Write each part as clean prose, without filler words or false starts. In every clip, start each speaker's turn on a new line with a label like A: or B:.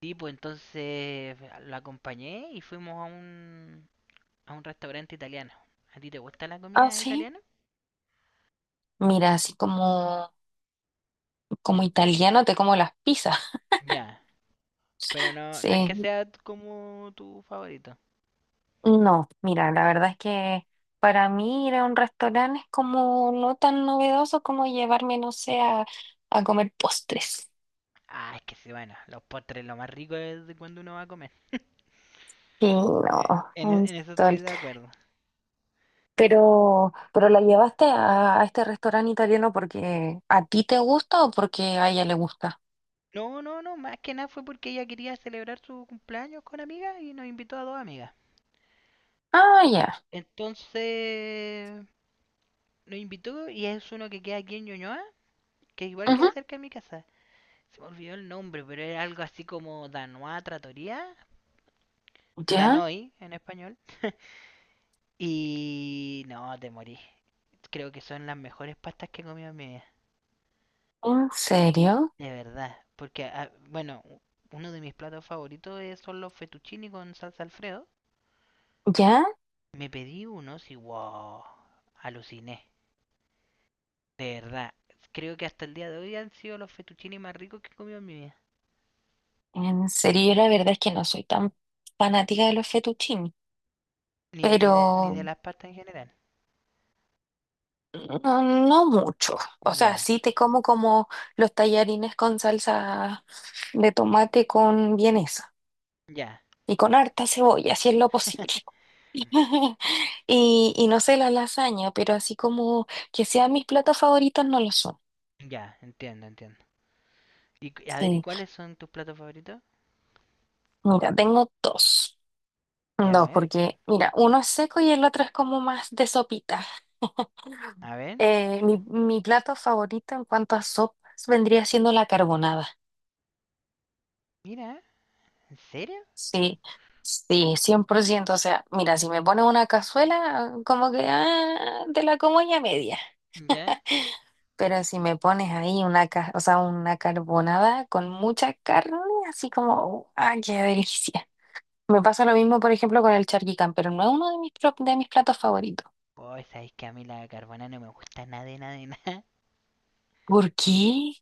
A: Sí, pues entonces lo acompañé y fuimos a un restaurante italiano. ¿A ti te gusta la
B: Ah,
A: comida
B: sí.
A: italiana?
B: Mira, así como italiano te como las pizzas.
A: Ya, pero no, no es que
B: Sí.
A: sea como tu favorito.
B: No, mira, la verdad es que para mí ir a un restaurante es como no tan novedoso como llevarme, no sé, a comer postres.
A: Ah, es que sí, bueno, los postres lo más rico es de cuando uno va a comer.
B: Sí, no, un
A: En eso estoy
B: sol.
A: de acuerdo.
B: Pero la llevaste a este restaurante italiano porque a ti te gusta o porque a ella le gusta.
A: No, no, no, más que nada fue porque ella quería celebrar su cumpleaños con amigas y nos invitó a dos amigas.
B: Ah, ya.
A: Entonces nos invitó y es uno que queda aquí en Ñuñoa, que igual queda
B: Ujú.
A: cerca de mi casa. Se me olvidó el nombre, pero era algo así como Danois Trattoria,
B: ¿Ya?
A: Danoi en español. Y no, te morí. Creo que son las mejores pastas que he comido en mi vida,
B: ¿En serio?
A: de verdad. Porque, bueno, uno de mis platos favoritos son los fettuccini con salsa Alfredo.
B: ¿Ya?
A: Me pedí unos y wow, aluciné. De verdad, creo que hasta el día de hoy han sido los fettuccini más ricos que he comido en mi vida.
B: En serio, yo la verdad es que no soy tan fanática de los fettuccini, pero
A: Ni de las pastas en general.
B: no, no mucho. O sea,
A: Ya,
B: sí te como como los tallarines con salsa de tomate con vienesa
A: ya,
B: y con harta cebolla, si es lo posible. Y no sé, la lasaña, pero así como que sean mis platos favoritos, no lo son.
A: ya, entiendo, entiendo. Y a ver, ¿y
B: Sí,
A: cuáles son tus platos favoritos?
B: mira, tengo dos.
A: Ya, a
B: Dos,
A: ver,
B: porque mira, uno es seco y el otro es como más de sopita.
A: a ver.
B: Mi plato favorito en cuanto a sopas vendría siendo la carbonada.
A: Mira, ¿en serio?
B: Sí, sí, 100%. O sea, mira, si me pones una cazuela, como que ah, te la como ya media.
A: Ya.
B: Pero si me pones ahí o sea, una carbonada con mucha carne, así como, ¡ah, qué delicia! Me pasa lo mismo, por ejemplo, con el charquicán, pero no es uno de de mis platos favoritos.
A: Oh, sabéis que a mí la carbonara no me gusta nada de nada de nada.
B: ¿Por qué?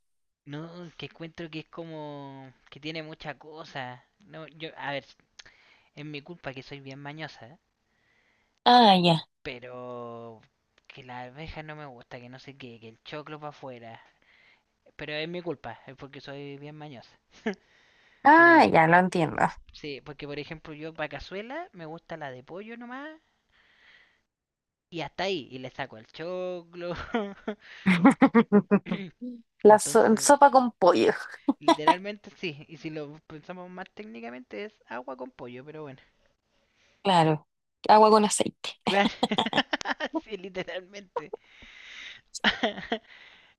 A: No, que encuentro que es como que tiene mucha cosa. No, yo, a ver, es mi culpa que soy bien mañosa, ¿eh?
B: Ah, ya.
A: Pero que la arveja no me gusta, que no sé qué, que el choclo para afuera. Pero es mi culpa, es porque soy bien mañosa.
B: Ah,
A: Pero
B: ya, lo entiendo.
A: sí, porque por ejemplo yo para cazuela me gusta la de pollo nomás. Y hasta ahí, y le saco el choclo.
B: La
A: Entonces,
B: sopa con pollo.
A: literalmente sí. Y si lo pensamos más técnicamente, es agua con pollo, pero bueno.
B: Claro, agua con aceite.
A: Claro, sí, literalmente.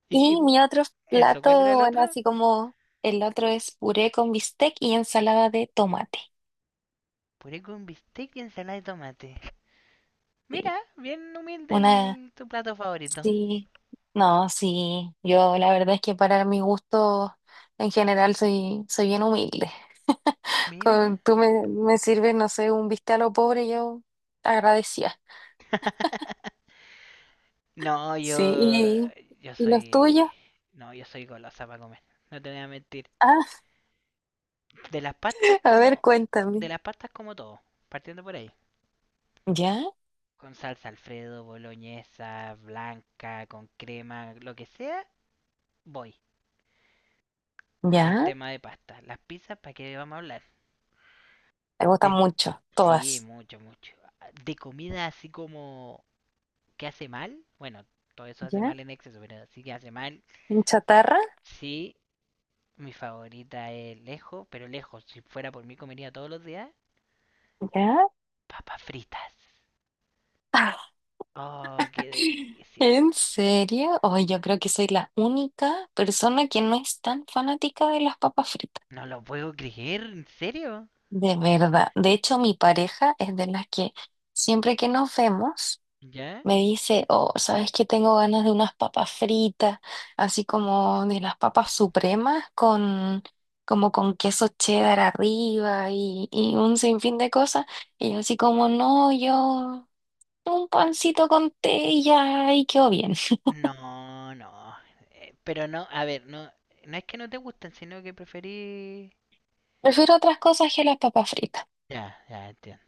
A: y, y
B: Y mi otro
A: eso, ¿cuál era
B: plato,
A: el
B: bueno,
A: otro?
B: así como el otro es puré con bistec y ensalada de tomate.
A: Puré con bistec y ensalada de tomate.
B: Sí,
A: Mira, bien humilde
B: una,
A: tu plato favorito.
B: sí, no, sí, yo la verdad es que para mi gusto en general soy, soy bien humilde.
A: Mira.
B: Con, tú me sirves, no sé, un bistec a lo pobre, yo agradecía.
A: No,
B: Sí,
A: yo.
B: y,
A: Yo
B: y los
A: soy.
B: tuyos,
A: No, yo soy golosa para comer. No te voy a mentir.
B: ah,
A: De las pastas
B: a ver,
A: como de
B: cuéntame.
A: las pastas como todo, partiendo por ahí.
B: ¿Ya?
A: Con salsa Alfredo, boloñesa, blanca, con crema, lo que sea, voy. En
B: Ya,
A: tema de pasta. Las pizzas, ¿para qué vamos a hablar?
B: me gustan
A: De-
B: mucho,
A: sí,
B: todas.
A: mucho, mucho. De comida así como qué hace mal. Bueno, todo eso hace
B: Ya,
A: mal en exceso, pero sí que hace mal.
B: en chatarra,
A: Sí, mi favorita es lejos, pero lejos. Si fuera por mí comería todos los días.
B: ya.
A: Papas fritas.
B: Ah,
A: Oh, qué delicia.
B: ¿en serio? Hoy yo creo que soy la única persona que no es tan fanática de las papas fritas.
A: No lo puedo creer, ¿en serio?
B: De verdad. De hecho, mi pareja es de las que siempre que nos vemos.
A: ¿Ya?
B: Me dice, oh, ¿sabes qué? Tengo ganas de unas papas fritas, así como de las papas supremas, con, como con queso cheddar arriba y un sinfín de cosas. Y yo así como, no, yo un pancito con té y ya, y quedó bien.
A: No, no. Eh, pero no, a ver, no, no es que no te gusten, sino que preferí...
B: Prefiero otras cosas que las papas fritas.
A: Ya, ya entiendo.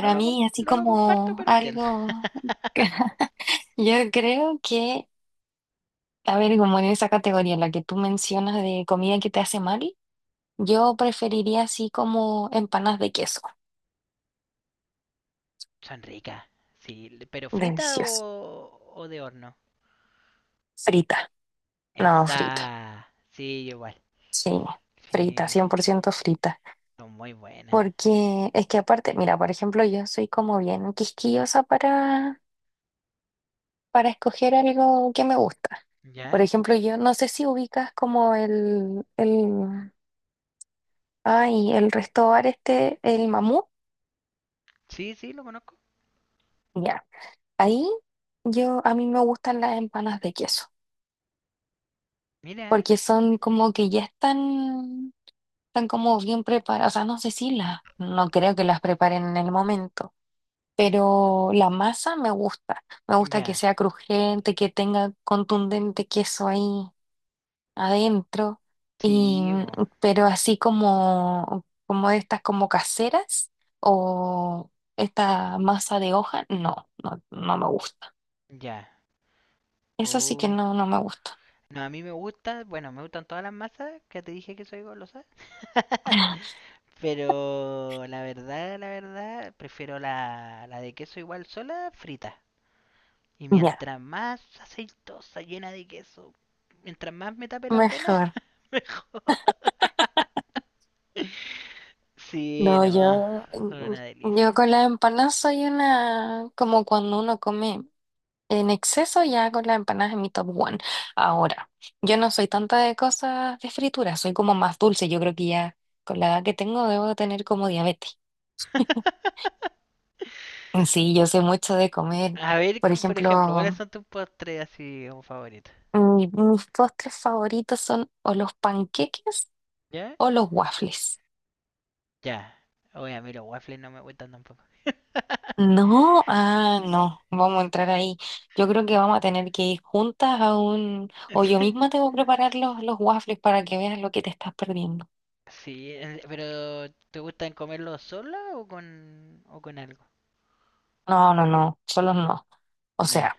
B: mí, así
A: No lo comparto,
B: como
A: pero entiendo.
B: algo, yo creo que, a ver, como en esa categoría, la que tú mencionas de comida que te hace mal. Yo preferiría así como empanas de queso.
A: Son ricas, sí. ¿Pero frita
B: Delicioso.
A: o de horno?
B: Frita. No, frita.
A: Esa, sí, yo igual.
B: Sí, frita,
A: Sí,
B: 100% frita.
A: son muy buenas.
B: Porque es que aparte, mira, por ejemplo, yo soy como bien quisquillosa para, escoger algo que me gusta. Por
A: ¿Ya?
B: ejemplo, yo no sé si ubicas como ay, el resto bar este, el Mamú.
A: Sí, sí, lo conozco.
B: Ya. Ahí yo, a mí me gustan las empanas de queso.
A: Mira,
B: Porque son como que ya están. Están como bien preparadas, o sea, no sé si las, no creo que las preparen en el momento, pero la masa me gusta que
A: ya.
B: sea crujiente, que tenga contundente queso ahí adentro, y,
A: Sí, bo,
B: pero así como, como estas como caseras o esta masa de hoja, no, no, no me gusta.
A: ya. Pu,
B: Eso sí que no, no me gusta.
A: no, a mí me gusta, bueno, me gustan todas las masas, que te dije que soy golosa. Pero la verdad, prefiero la de queso igual sola, frita. Y
B: Ya,
A: mientras más aceitosa, llena de queso, mientras más me tape las venas,
B: mejor.
A: mejor. Sí,
B: No,
A: no,
B: yo,
A: son una
B: mm,
A: delicia.
B: yo con las empanadas soy una, como cuando uno come en exceso, ya con las empanadas es mi top one. Ahora, yo no soy tanta de cosas de fritura, soy como más dulce. Yo creo que ya con la edad que tengo debo de tener como diabetes. Sí, yo sé mucho de comer.
A: A ver,
B: Por
A: por
B: ejemplo,
A: ejemplo, ¿cuáles son tus postres así como favoritos?
B: mis postres favoritos son o los panqueques
A: ¿Ya?
B: o los waffles.
A: Ya. Oye, a mí los waffles no me gustan tampoco.
B: No, ah, no, vamos a entrar ahí. Yo creo que vamos a tener que ir juntas a un, o yo misma tengo que preparar los waffles para que veas lo que te estás perdiendo.
A: Sí, pero ¿te gustan comerlo sola o con algo?
B: No, no, no, solo no. O
A: Ya,
B: sea,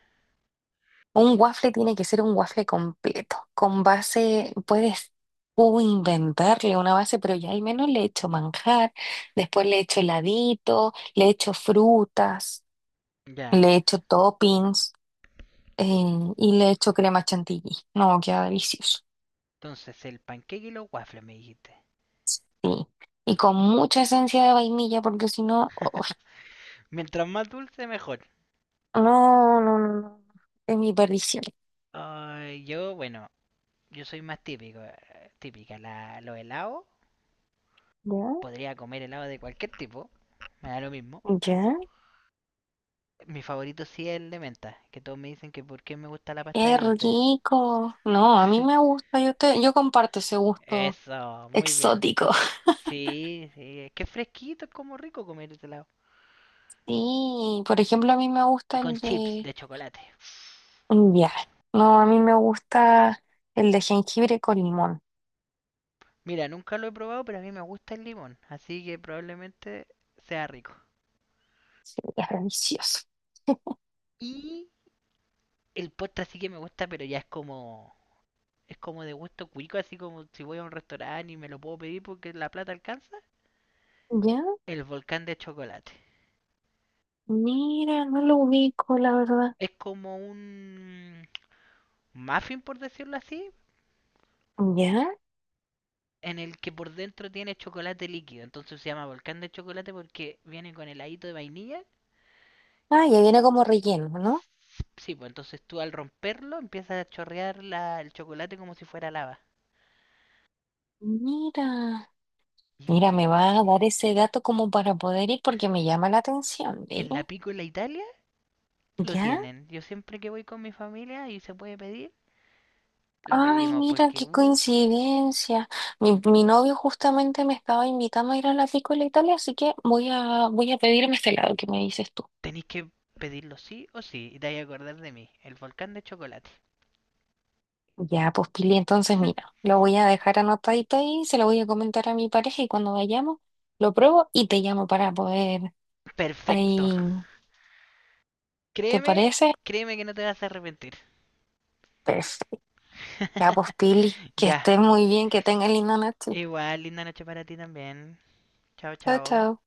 B: un waffle tiene que ser un waffle completo, con base, puedes tú inventarle una base, pero ya al menos le echo manjar, después le echo heladito, le echo frutas,
A: ya.
B: le echo toppings, eh, y le echo crema chantilly. No, queda delicioso.
A: Entonces, el panqueque y los waffles me dijiste.
B: Sí. Y con mucha esencia de vainilla, porque si no, uf,
A: Mientras más dulce, mejor.
B: no, no, no, no, es mi perdición.
A: Ay, yo, bueno, yo soy más típico, típica. La, los helados,
B: ¿Ya?
A: podría comer helado de cualquier tipo, me da lo mismo.
B: Ya,
A: Mi favorito sí es el de menta, que todos me dicen que por qué me gusta la pasta de
B: es
A: dientes.
B: rico. No, a mí me gusta, yo te, yo comparto ese gusto
A: Eso, muy bien.
B: exótico.
A: Sí, sí, es que es fresquito, es como rico comer helado.
B: Sí, por ejemplo, a mí me
A: Y
B: gusta
A: con
B: el
A: chips
B: de
A: de chocolate.
B: ya. No, a mí me gusta el de jengibre con limón.
A: Mira, nunca lo he probado, pero a mí me gusta el limón, así que probablemente sea rico.
B: Sí, es delicioso.
A: Y el postre sí que me gusta, pero es como de gusto cuico, así como si voy a un restaurante y me lo puedo pedir porque la plata alcanza.
B: Ya,
A: El volcán de chocolate.
B: mira, no lo ubico, la verdad.
A: Es como un muffin, por decirlo así,
B: Ya.
A: en el que por dentro tiene chocolate líquido. Entonces se llama volcán de chocolate porque viene con heladito de vainilla.
B: Ah, ya viene como relleno, ¿no?
A: Sí, pues entonces tú al romperlo empiezas a chorrear el chocolate como si fuera lava.
B: Mira. Mira,
A: Y
B: me va a dar ese dato como para poder ir porque me llama la atención, ¿ve?
A: en la Piccola Italia lo
B: ¿Ya?
A: tienen. Yo siempre que voy con mi familia y se puede pedir, lo
B: Ay,
A: pedimos
B: mira,
A: porque,
B: qué
A: uff,
B: coincidencia. Mi novio justamente me estaba invitando a ir a la Piccola Italia, así que voy a, voy a pedirme este lado que me dices tú.
A: tenéis que pedirlo sí o sí. Y te vais a acordar de mí, el volcán de chocolate.
B: Ya, pues Pili, entonces mira, lo voy a dejar anotadito ahí, se lo voy a comentar a mi pareja y cuando vayamos lo pruebo y te llamo para poder
A: Perfecto.
B: ahí, ¿te
A: Créeme,
B: parece?
A: créeme que no te vas a arrepentir.
B: Perfecto. Ya, pues Pili, que
A: Ya.
B: estés muy bien, que tengas linda noche.
A: Igual, linda noche para ti también. Chao,
B: Chao,
A: chao.
B: chao.